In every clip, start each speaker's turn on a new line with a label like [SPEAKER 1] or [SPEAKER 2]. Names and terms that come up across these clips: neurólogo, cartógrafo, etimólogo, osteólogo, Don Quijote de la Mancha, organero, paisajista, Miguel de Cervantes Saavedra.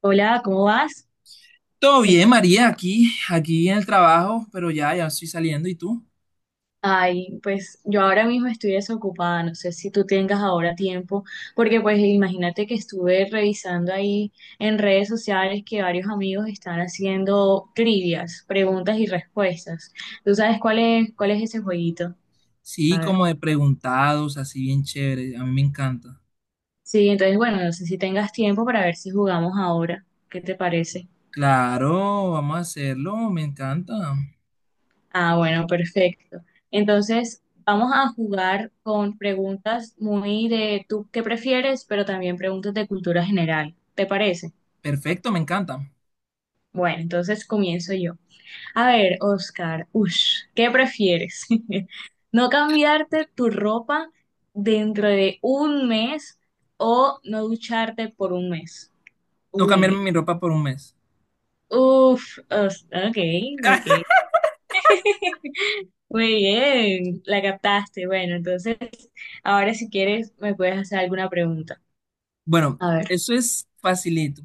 [SPEAKER 1] Hola, ¿cómo vas?
[SPEAKER 2] Todo bien, María, aquí en el trabajo, pero ya estoy saliendo. ¿Y tú?
[SPEAKER 1] Ay, pues yo ahora mismo estoy desocupada, no sé si tú tengas ahora tiempo, porque pues imagínate que estuve revisando ahí en redes sociales que varios amigos están haciendo trivias, preguntas y respuestas. ¿Tú sabes cuál es ese jueguito?
[SPEAKER 2] Sí,
[SPEAKER 1] A ver.
[SPEAKER 2] como de preguntados, así bien chévere. A mí me encanta.
[SPEAKER 1] Sí, entonces bueno, no sé si tengas tiempo para ver si jugamos ahora. ¿Qué te parece?
[SPEAKER 2] Claro, vamos a hacerlo, me encanta.
[SPEAKER 1] Ah, bueno, perfecto. Entonces, vamos a jugar con preguntas muy de tú qué prefieres, pero también preguntas de cultura general. ¿Te parece?
[SPEAKER 2] Perfecto, me encanta.
[SPEAKER 1] Bueno, entonces comienzo yo. A ver, Oscar, ush, ¿qué prefieres? ¿No cambiarte tu ropa dentro de un mes o no ducharte por un mes?
[SPEAKER 2] No cambiarme
[SPEAKER 1] Uy,
[SPEAKER 2] mi ropa por un mes.
[SPEAKER 1] ok, ok. Muy bien, la captaste. Bueno, entonces ahora, si quieres, me puedes hacer alguna pregunta.
[SPEAKER 2] Bueno,
[SPEAKER 1] A ver,
[SPEAKER 2] eso es facilito.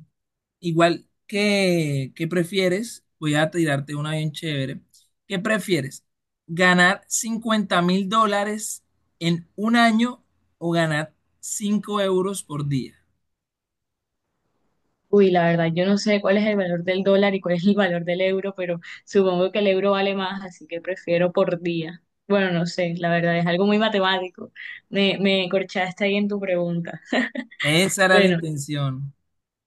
[SPEAKER 2] Igual que, ¿qué prefieres? Voy a tirarte una bien chévere. ¿Qué prefieres? ¿Ganar 50.000 dólares en un año o ganar 5 euros por día?
[SPEAKER 1] uy, la verdad, yo no sé cuál es el valor del dólar y cuál es el valor del euro, pero supongo que el euro vale más, así que prefiero por día. Bueno, no sé, la verdad, es algo muy matemático. Me corchaste ahí en tu pregunta.
[SPEAKER 2] Esa era la
[SPEAKER 1] Bueno,
[SPEAKER 2] intención.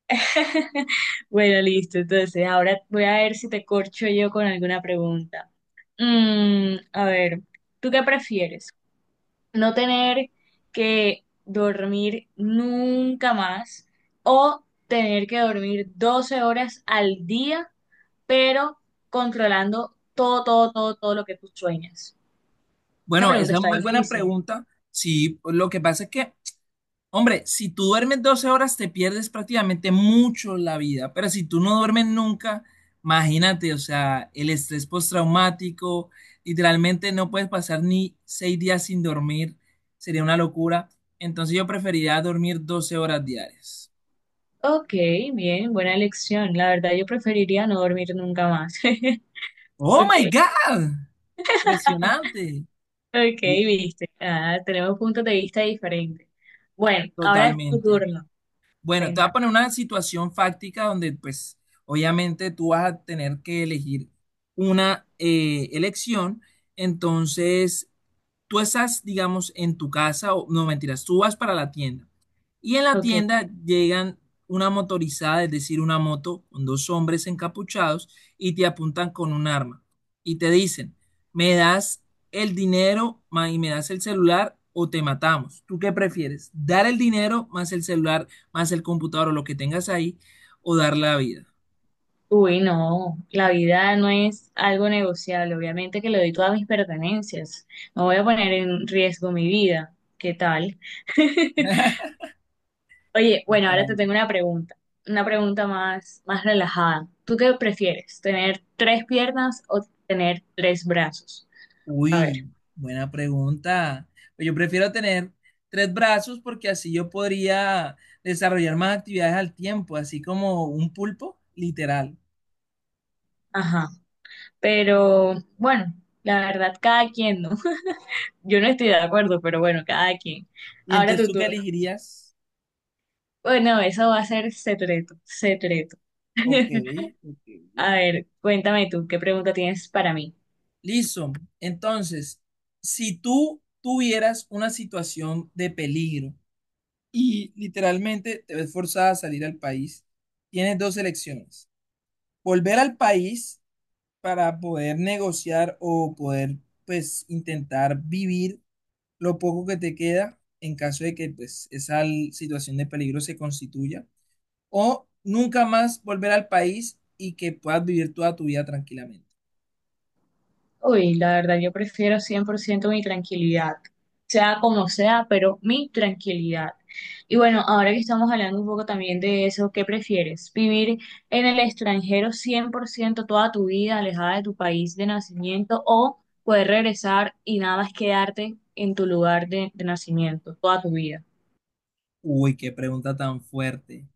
[SPEAKER 1] bueno, listo. Entonces, ahora voy a ver si te corcho yo con alguna pregunta. A ver, ¿tú qué prefieres? ¿No tener que dormir nunca más o tener que dormir 12 horas al día, pero controlando todo, todo, todo, todo lo que tú sueñas? La
[SPEAKER 2] Bueno,
[SPEAKER 1] pregunta
[SPEAKER 2] esa es
[SPEAKER 1] está
[SPEAKER 2] muy buena
[SPEAKER 1] difícil.
[SPEAKER 2] pregunta. Sí, lo que pasa es que, hombre, si tú duermes 12 horas, te pierdes prácticamente mucho la vida, pero si tú no duermes nunca, imagínate, o sea, el estrés postraumático, literalmente no puedes pasar ni 6 días sin dormir, sería una locura. Entonces yo preferiría dormir 12 horas diarias.
[SPEAKER 1] Ok, bien, buena elección. La verdad, yo preferiría no dormir nunca más.
[SPEAKER 2] Oh
[SPEAKER 1] Ok,
[SPEAKER 2] my God, impresionante.
[SPEAKER 1] ok,
[SPEAKER 2] Bu-
[SPEAKER 1] viste. Ah, tenemos puntos de vista diferentes. Bueno, ahora es tu
[SPEAKER 2] Totalmente.
[SPEAKER 1] turno.
[SPEAKER 2] Bueno, te voy
[SPEAKER 1] Venga.
[SPEAKER 2] a poner una situación fáctica donde, pues, obviamente tú vas a tener que elegir una elección. Entonces, tú estás, digamos, en tu casa, o no mentiras, tú vas para la tienda y en la
[SPEAKER 1] Ok.
[SPEAKER 2] tienda llegan una motorizada, es decir, una moto con dos hombres encapuchados y te apuntan con un arma y te dicen, me das el dinero y me das el celular o te matamos. ¿Tú qué prefieres? ¿Dar el dinero más el celular, más el computador o lo que tengas ahí o dar la vida?
[SPEAKER 1] Uy, no, la vida no es algo negociable. Obviamente que le doy todas mis pertenencias. No voy a poner en riesgo mi vida. ¿Qué tal? Oye, bueno, ahora te
[SPEAKER 2] Total.
[SPEAKER 1] tengo una pregunta. Una pregunta más, más relajada. ¿Tú qué prefieres? ¿Tener tres piernas o tener tres brazos? A ver,
[SPEAKER 2] Uy, buena pregunta. Pues yo prefiero tener tres brazos porque así yo podría desarrollar más actividades al tiempo, así como un pulpo, literal.
[SPEAKER 1] ajá. Pero bueno, la verdad, cada quien, ¿no? Yo no estoy de acuerdo, pero bueno, cada quien.
[SPEAKER 2] ¿Y
[SPEAKER 1] Ahora
[SPEAKER 2] entonces
[SPEAKER 1] tu
[SPEAKER 2] tú qué
[SPEAKER 1] turno.
[SPEAKER 2] elegirías?
[SPEAKER 1] Bueno, eso va a ser secreto, secreto.
[SPEAKER 2] Ok, ok.
[SPEAKER 1] A ver, cuéntame tú, ¿qué pregunta tienes para mí?
[SPEAKER 2] Listo. Entonces, si tú tuvieras una situación de peligro y literalmente te ves forzada a salir al país, tienes dos elecciones. Volver al país para poder negociar o poder, pues, intentar vivir lo poco que te queda en caso de que, pues, esa situación de peligro se constituya. O nunca más volver al país y que puedas vivir toda tu vida tranquilamente.
[SPEAKER 1] Uy, la verdad, yo prefiero 100% mi tranquilidad, sea como sea, pero mi tranquilidad. Y bueno, ahora que estamos hablando un poco también de eso, ¿qué prefieres? ¿Vivir en el extranjero 100% toda tu vida, alejada de tu país de nacimiento, o poder regresar y nada más quedarte en tu lugar de nacimiento toda tu vida?
[SPEAKER 2] Uy, qué pregunta tan fuerte.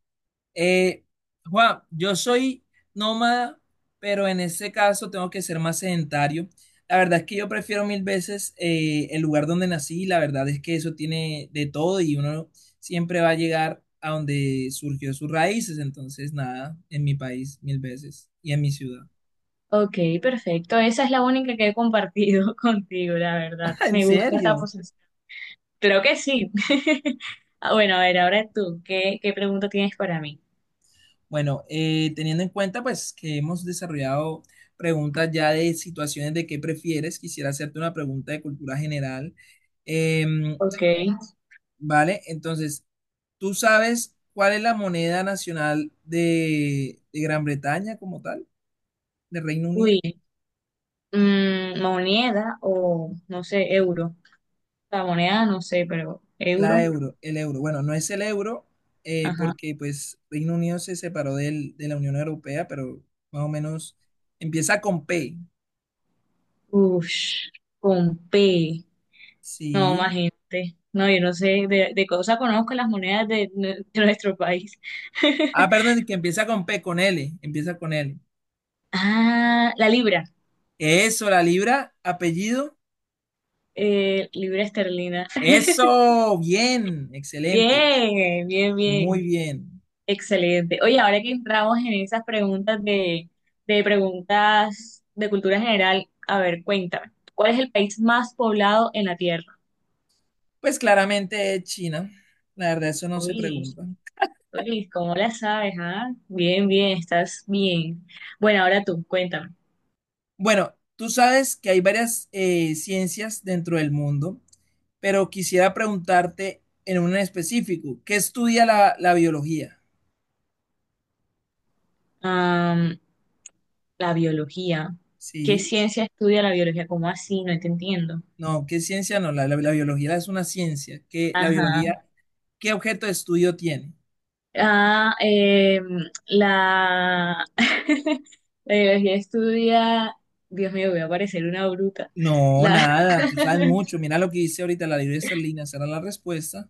[SPEAKER 2] Eh, Juan, yo soy nómada, pero en ese caso tengo que ser más sedentario. La verdad es que yo prefiero mil veces el lugar donde nací. La verdad es que eso tiene de todo y uno siempre va a llegar a donde surgió sus raíces. Entonces, nada, en mi país mil veces y en mi ciudad.
[SPEAKER 1] Ok, perfecto. Esa es la única que he compartido contigo, la verdad.
[SPEAKER 2] ¿En
[SPEAKER 1] Me gusta esta.
[SPEAKER 2] serio?
[SPEAKER 1] Creo que sí. Ah, bueno, a ver, ahora tú, ¿qué, qué pregunta tienes para mí?
[SPEAKER 2] Bueno, teniendo en cuenta pues que hemos desarrollado preguntas ya de situaciones de qué prefieres, quisiera hacerte una pregunta de cultura general. Em,
[SPEAKER 1] Ok.
[SPEAKER 2] ¿Vale? Entonces, ¿tú sabes cuál es la moneda nacional de, Gran Bretaña como tal, de Reino Unido?
[SPEAKER 1] Uy, moneda o, no sé, euro. La moneda, no sé, pero
[SPEAKER 2] La
[SPEAKER 1] euro.
[SPEAKER 2] euro, el euro. Bueno, no es el euro
[SPEAKER 1] Ajá.
[SPEAKER 2] porque pues Reino Unido se separó de la Unión Europea, pero más o menos empieza con P.
[SPEAKER 1] Ush, con P. No, más
[SPEAKER 2] Sí.
[SPEAKER 1] gente. No, yo no sé, de cosa conozco las monedas de, nue- de nuestro país.
[SPEAKER 2] Ah, perdón, que empieza con P, con L, empieza con L.
[SPEAKER 1] Ah, la libra.
[SPEAKER 2] Eso, la libra, apellido.
[SPEAKER 1] Libra esterlina.
[SPEAKER 2] Eso, bien, excelente,
[SPEAKER 1] Bien, bien,
[SPEAKER 2] muy
[SPEAKER 1] bien.
[SPEAKER 2] bien.
[SPEAKER 1] Excelente. Oye, ahora que entramos en esas preguntas de preguntas de cultura general, a ver, cuéntame, ¿cuál es el país más poblado en la Tierra?
[SPEAKER 2] Pues claramente es China. La verdad, eso no se
[SPEAKER 1] Uy,
[SPEAKER 2] pregunta.
[SPEAKER 1] uy, ¿cómo la sabes, ah? Bien, bien, estás bien. Bueno, ahora tú, cuéntame.
[SPEAKER 2] Bueno, tú sabes que hay varias ciencias dentro del mundo, pero quisiera preguntarte en un específico, ¿qué estudia la, la- biología?
[SPEAKER 1] Am, la biología. ¿Qué
[SPEAKER 2] Sí,
[SPEAKER 1] ciencia estudia la biología? ¿Cómo así? No te entiendo.
[SPEAKER 2] no, ¿qué ciencia no? la biología es una ciencia. ¿Qué, la
[SPEAKER 1] Ajá.
[SPEAKER 2] biología, qué objeto de estudio tiene?
[SPEAKER 1] Ah, eh, la, la biología estudia, Dios mío, voy a parecer una bruta.
[SPEAKER 2] No,
[SPEAKER 1] La,
[SPEAKER 2] nada, tú sabes mucho. Mira lo que dice ahorita la libreta Serlina, será la respuesta.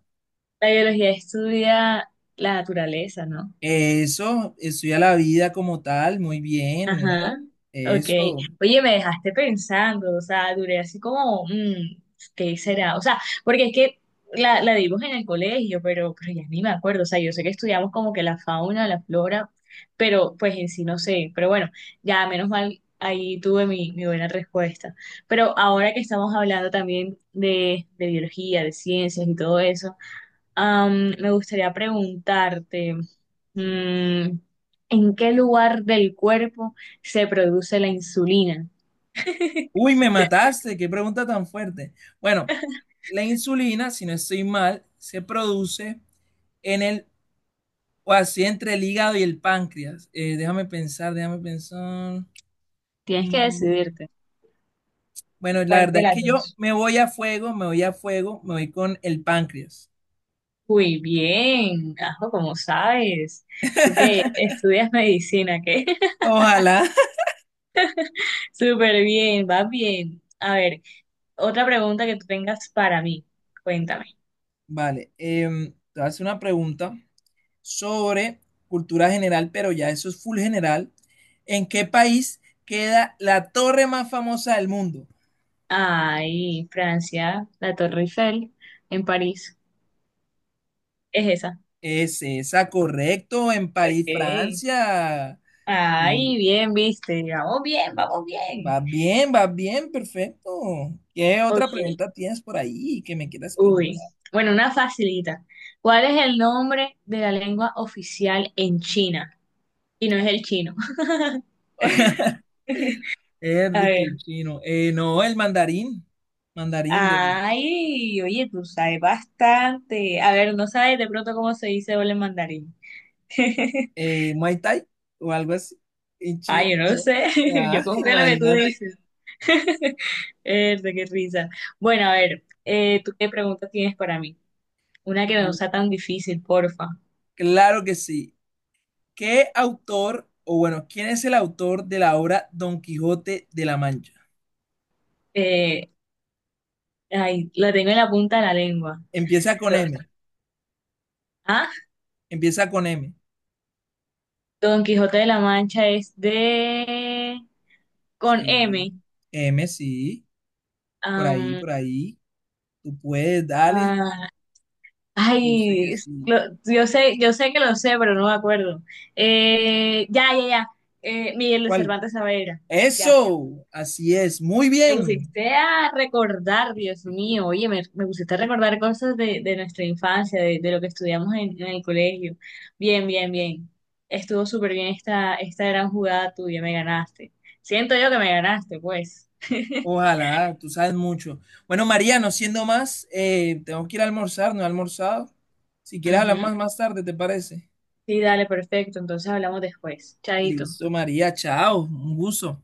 [SPEAKER 1] la biología estudia la naturaleza, ¿no?
[SPEAKER 2] Eso, estudia la vida como tal, muy bien.
[SPEAKER 1] Ajá, ok.
[SPEAKER 2] Eso.
[SPEAKER 1] Oye, me dejaste pensando, o sea, duré así como, ¿qué será? O sea, porque es que la dimos en el colegio, pero ya ni me acuerdo, o sea, yo sé que estudiamos como que la fauna, la flora, pero pues en sí no sé, pero bueno, ya menos mal ahí tuve mi, mi buena respuesta. Pero ahora que estamos hablando también de biología, de ciencias y todo eso, me gustaría preguntarte... Mm, ¿en qué lugar del cuerpo se produce la insulina?
[SPEAKER 2] Uy, me mataste, qué pregunta tan fuerte. Bueno, la insulina, si no estoy mal, se produce en el, o así entre el hígado y el páncreas. Déjame pensar, déjame pensar.
[SPEAKER 1] Tienes que
[SPEAKER 2] Mm,
[SPEAKER 1] decidirte.
[SPEAKER 2] bueno, la
[SPEAKER 1] ¿Cuál
[SPEAKER 2] verdad
[SPEAKER 1] de
[SPEAKER 2] es
[SPEAKER 1] las
[SPEAKER 2] que yo
[SPEAKER 1] dos?
[SPEAKER 2] me voy a fuego, me voy a fuego, me voy con el páncreas.
[SPEAKER 1] Muy bien, Ajo, como sabes. Tú que estudias medicina, ¿qué?
[SPEAKER 2] Ojalá.
[SPEAKER 1] Súper bien, vas bien. A ver, otra pregunta que tú tengas para mí. Cuéntame.
[SPEAKER 2] Vale, te voy a hacer una pregunta sobre cultura general, pero ya eso es full general. ¿En qué país queda la torre más famosa del mundo?
[SPEAKER 1] Ay, Francia, la Torre Eiffel, en París. Es esa.
[SPEAKER 2] Es esa, correcto, en París,
[SPEAKER 1] Ok.
[SPEAKER 2] Francia. Mm,
[SPEAKER 1] Ay, bien, viste. Vamos bien, vamos bien.
[SPEAKER 2] Va bien, perfecto. ¿Qué otra
[SPEAKER 1] Ok.
[SPEAKER 2] pregunta tienes por ahí que me quieras preguntar?
[SPEAKER 1] Uy, bueno, una facilita. ¿Cuál es el nombre de la lengua oficial en China? Y no es el chino. A
[SPEAKER 2] Erdi, que el
[SPEAKER 1] ver.
[SPEAKER 2] chino. No, el mandarín. Mandarín de
[SPEAKER 1] Ay, oye, tú sabes bastante. A ver, no sabes de pronto cómo se dice hola en mandarín.
[SPEAKER 2] Muay Thai o algo así. En
[SPEAKER 1] Ay,
[SPEAKER 2] Chía,
[SPEAKER 1] yo no lo
[SPEAKER 2] no.
[SPEAKER 1] sé.
[SPEAKER 2] Ah,
[SPEAKER 1] Yo confío en lo que tú
[SPEAKER 2] imagínate.
[SPEAKER 1] dices. Erde, qué risa. Bueno, a ver, ¿tú qué pregunta tienes para mí? Una que no
[SPEAKER 2] Mm,
[SPEAKER 1] sea tan difícil, porfa.
[SPEAKER 2] Claro que sí. ¿Qué autor, o bueno, quién es el autor de la obra Don Quijote de la Mancha?
[SPEAKER 1] Eh, Ay, la tengo en la punta de la lengua.
[SPEAKER 2] Empieza con M.
[SPEAKER 1] ¿Ah?
[SPEAKER 2] Empieza con M.
[SPEAKER 1] Don Quijote de la Mancha es de... con
[SPEAKER 2] Sí,
[SPEAKER 1] M.
[SPEAKER 2] M, sí, por ahí,
[SPEAKER 1] Am,
[SPEAKER 2] por ahí. Tú puedes, dale.
[SPEAKER 1] ah,
[SPEAKER 2] Yo sé que
[SPEAKER 1] ay,
[SPEAKER 2] sí.
[SPEAKER 1] lo- yo sé que lo sé, pero no me acuerdo. Ya, ya, ya. Miguel de
[SPEAKER 2] ¿Cuál?
[SPEAKER 1] Cervantes Saavedra. Ya.
[SPEAKER 2] Eso, así es. Muy
[SPEAKER 1] Me
[SPEAKER 2] bien.
[SPEAKER 1] pusiste a recordar, Dios mío. Oye, me pusiste a recordar cosas de nuestra infancia, de lo que estudiamos en el colegio. Bien, bien, bien. Estuvo súper bien esta, esta gran jugada tuya, me ganaste. Siento yo que me ganaste, pues.
[SPEAKER 2] Ojalá, tú sabes mucho. Bueno, María, no siendo más, tengo que ir a almorzar, no he almorzado. Si quieres hablar
[SPEAKER 1] Ujú.
[SPEAKER 2] más tarde, ¿te parece?
[SPEAKER 1] Sí, dale, perfecto. Entonces hablamos después. Chaito.
[SPEAKER 2] Listo, María, chao. Un gusto.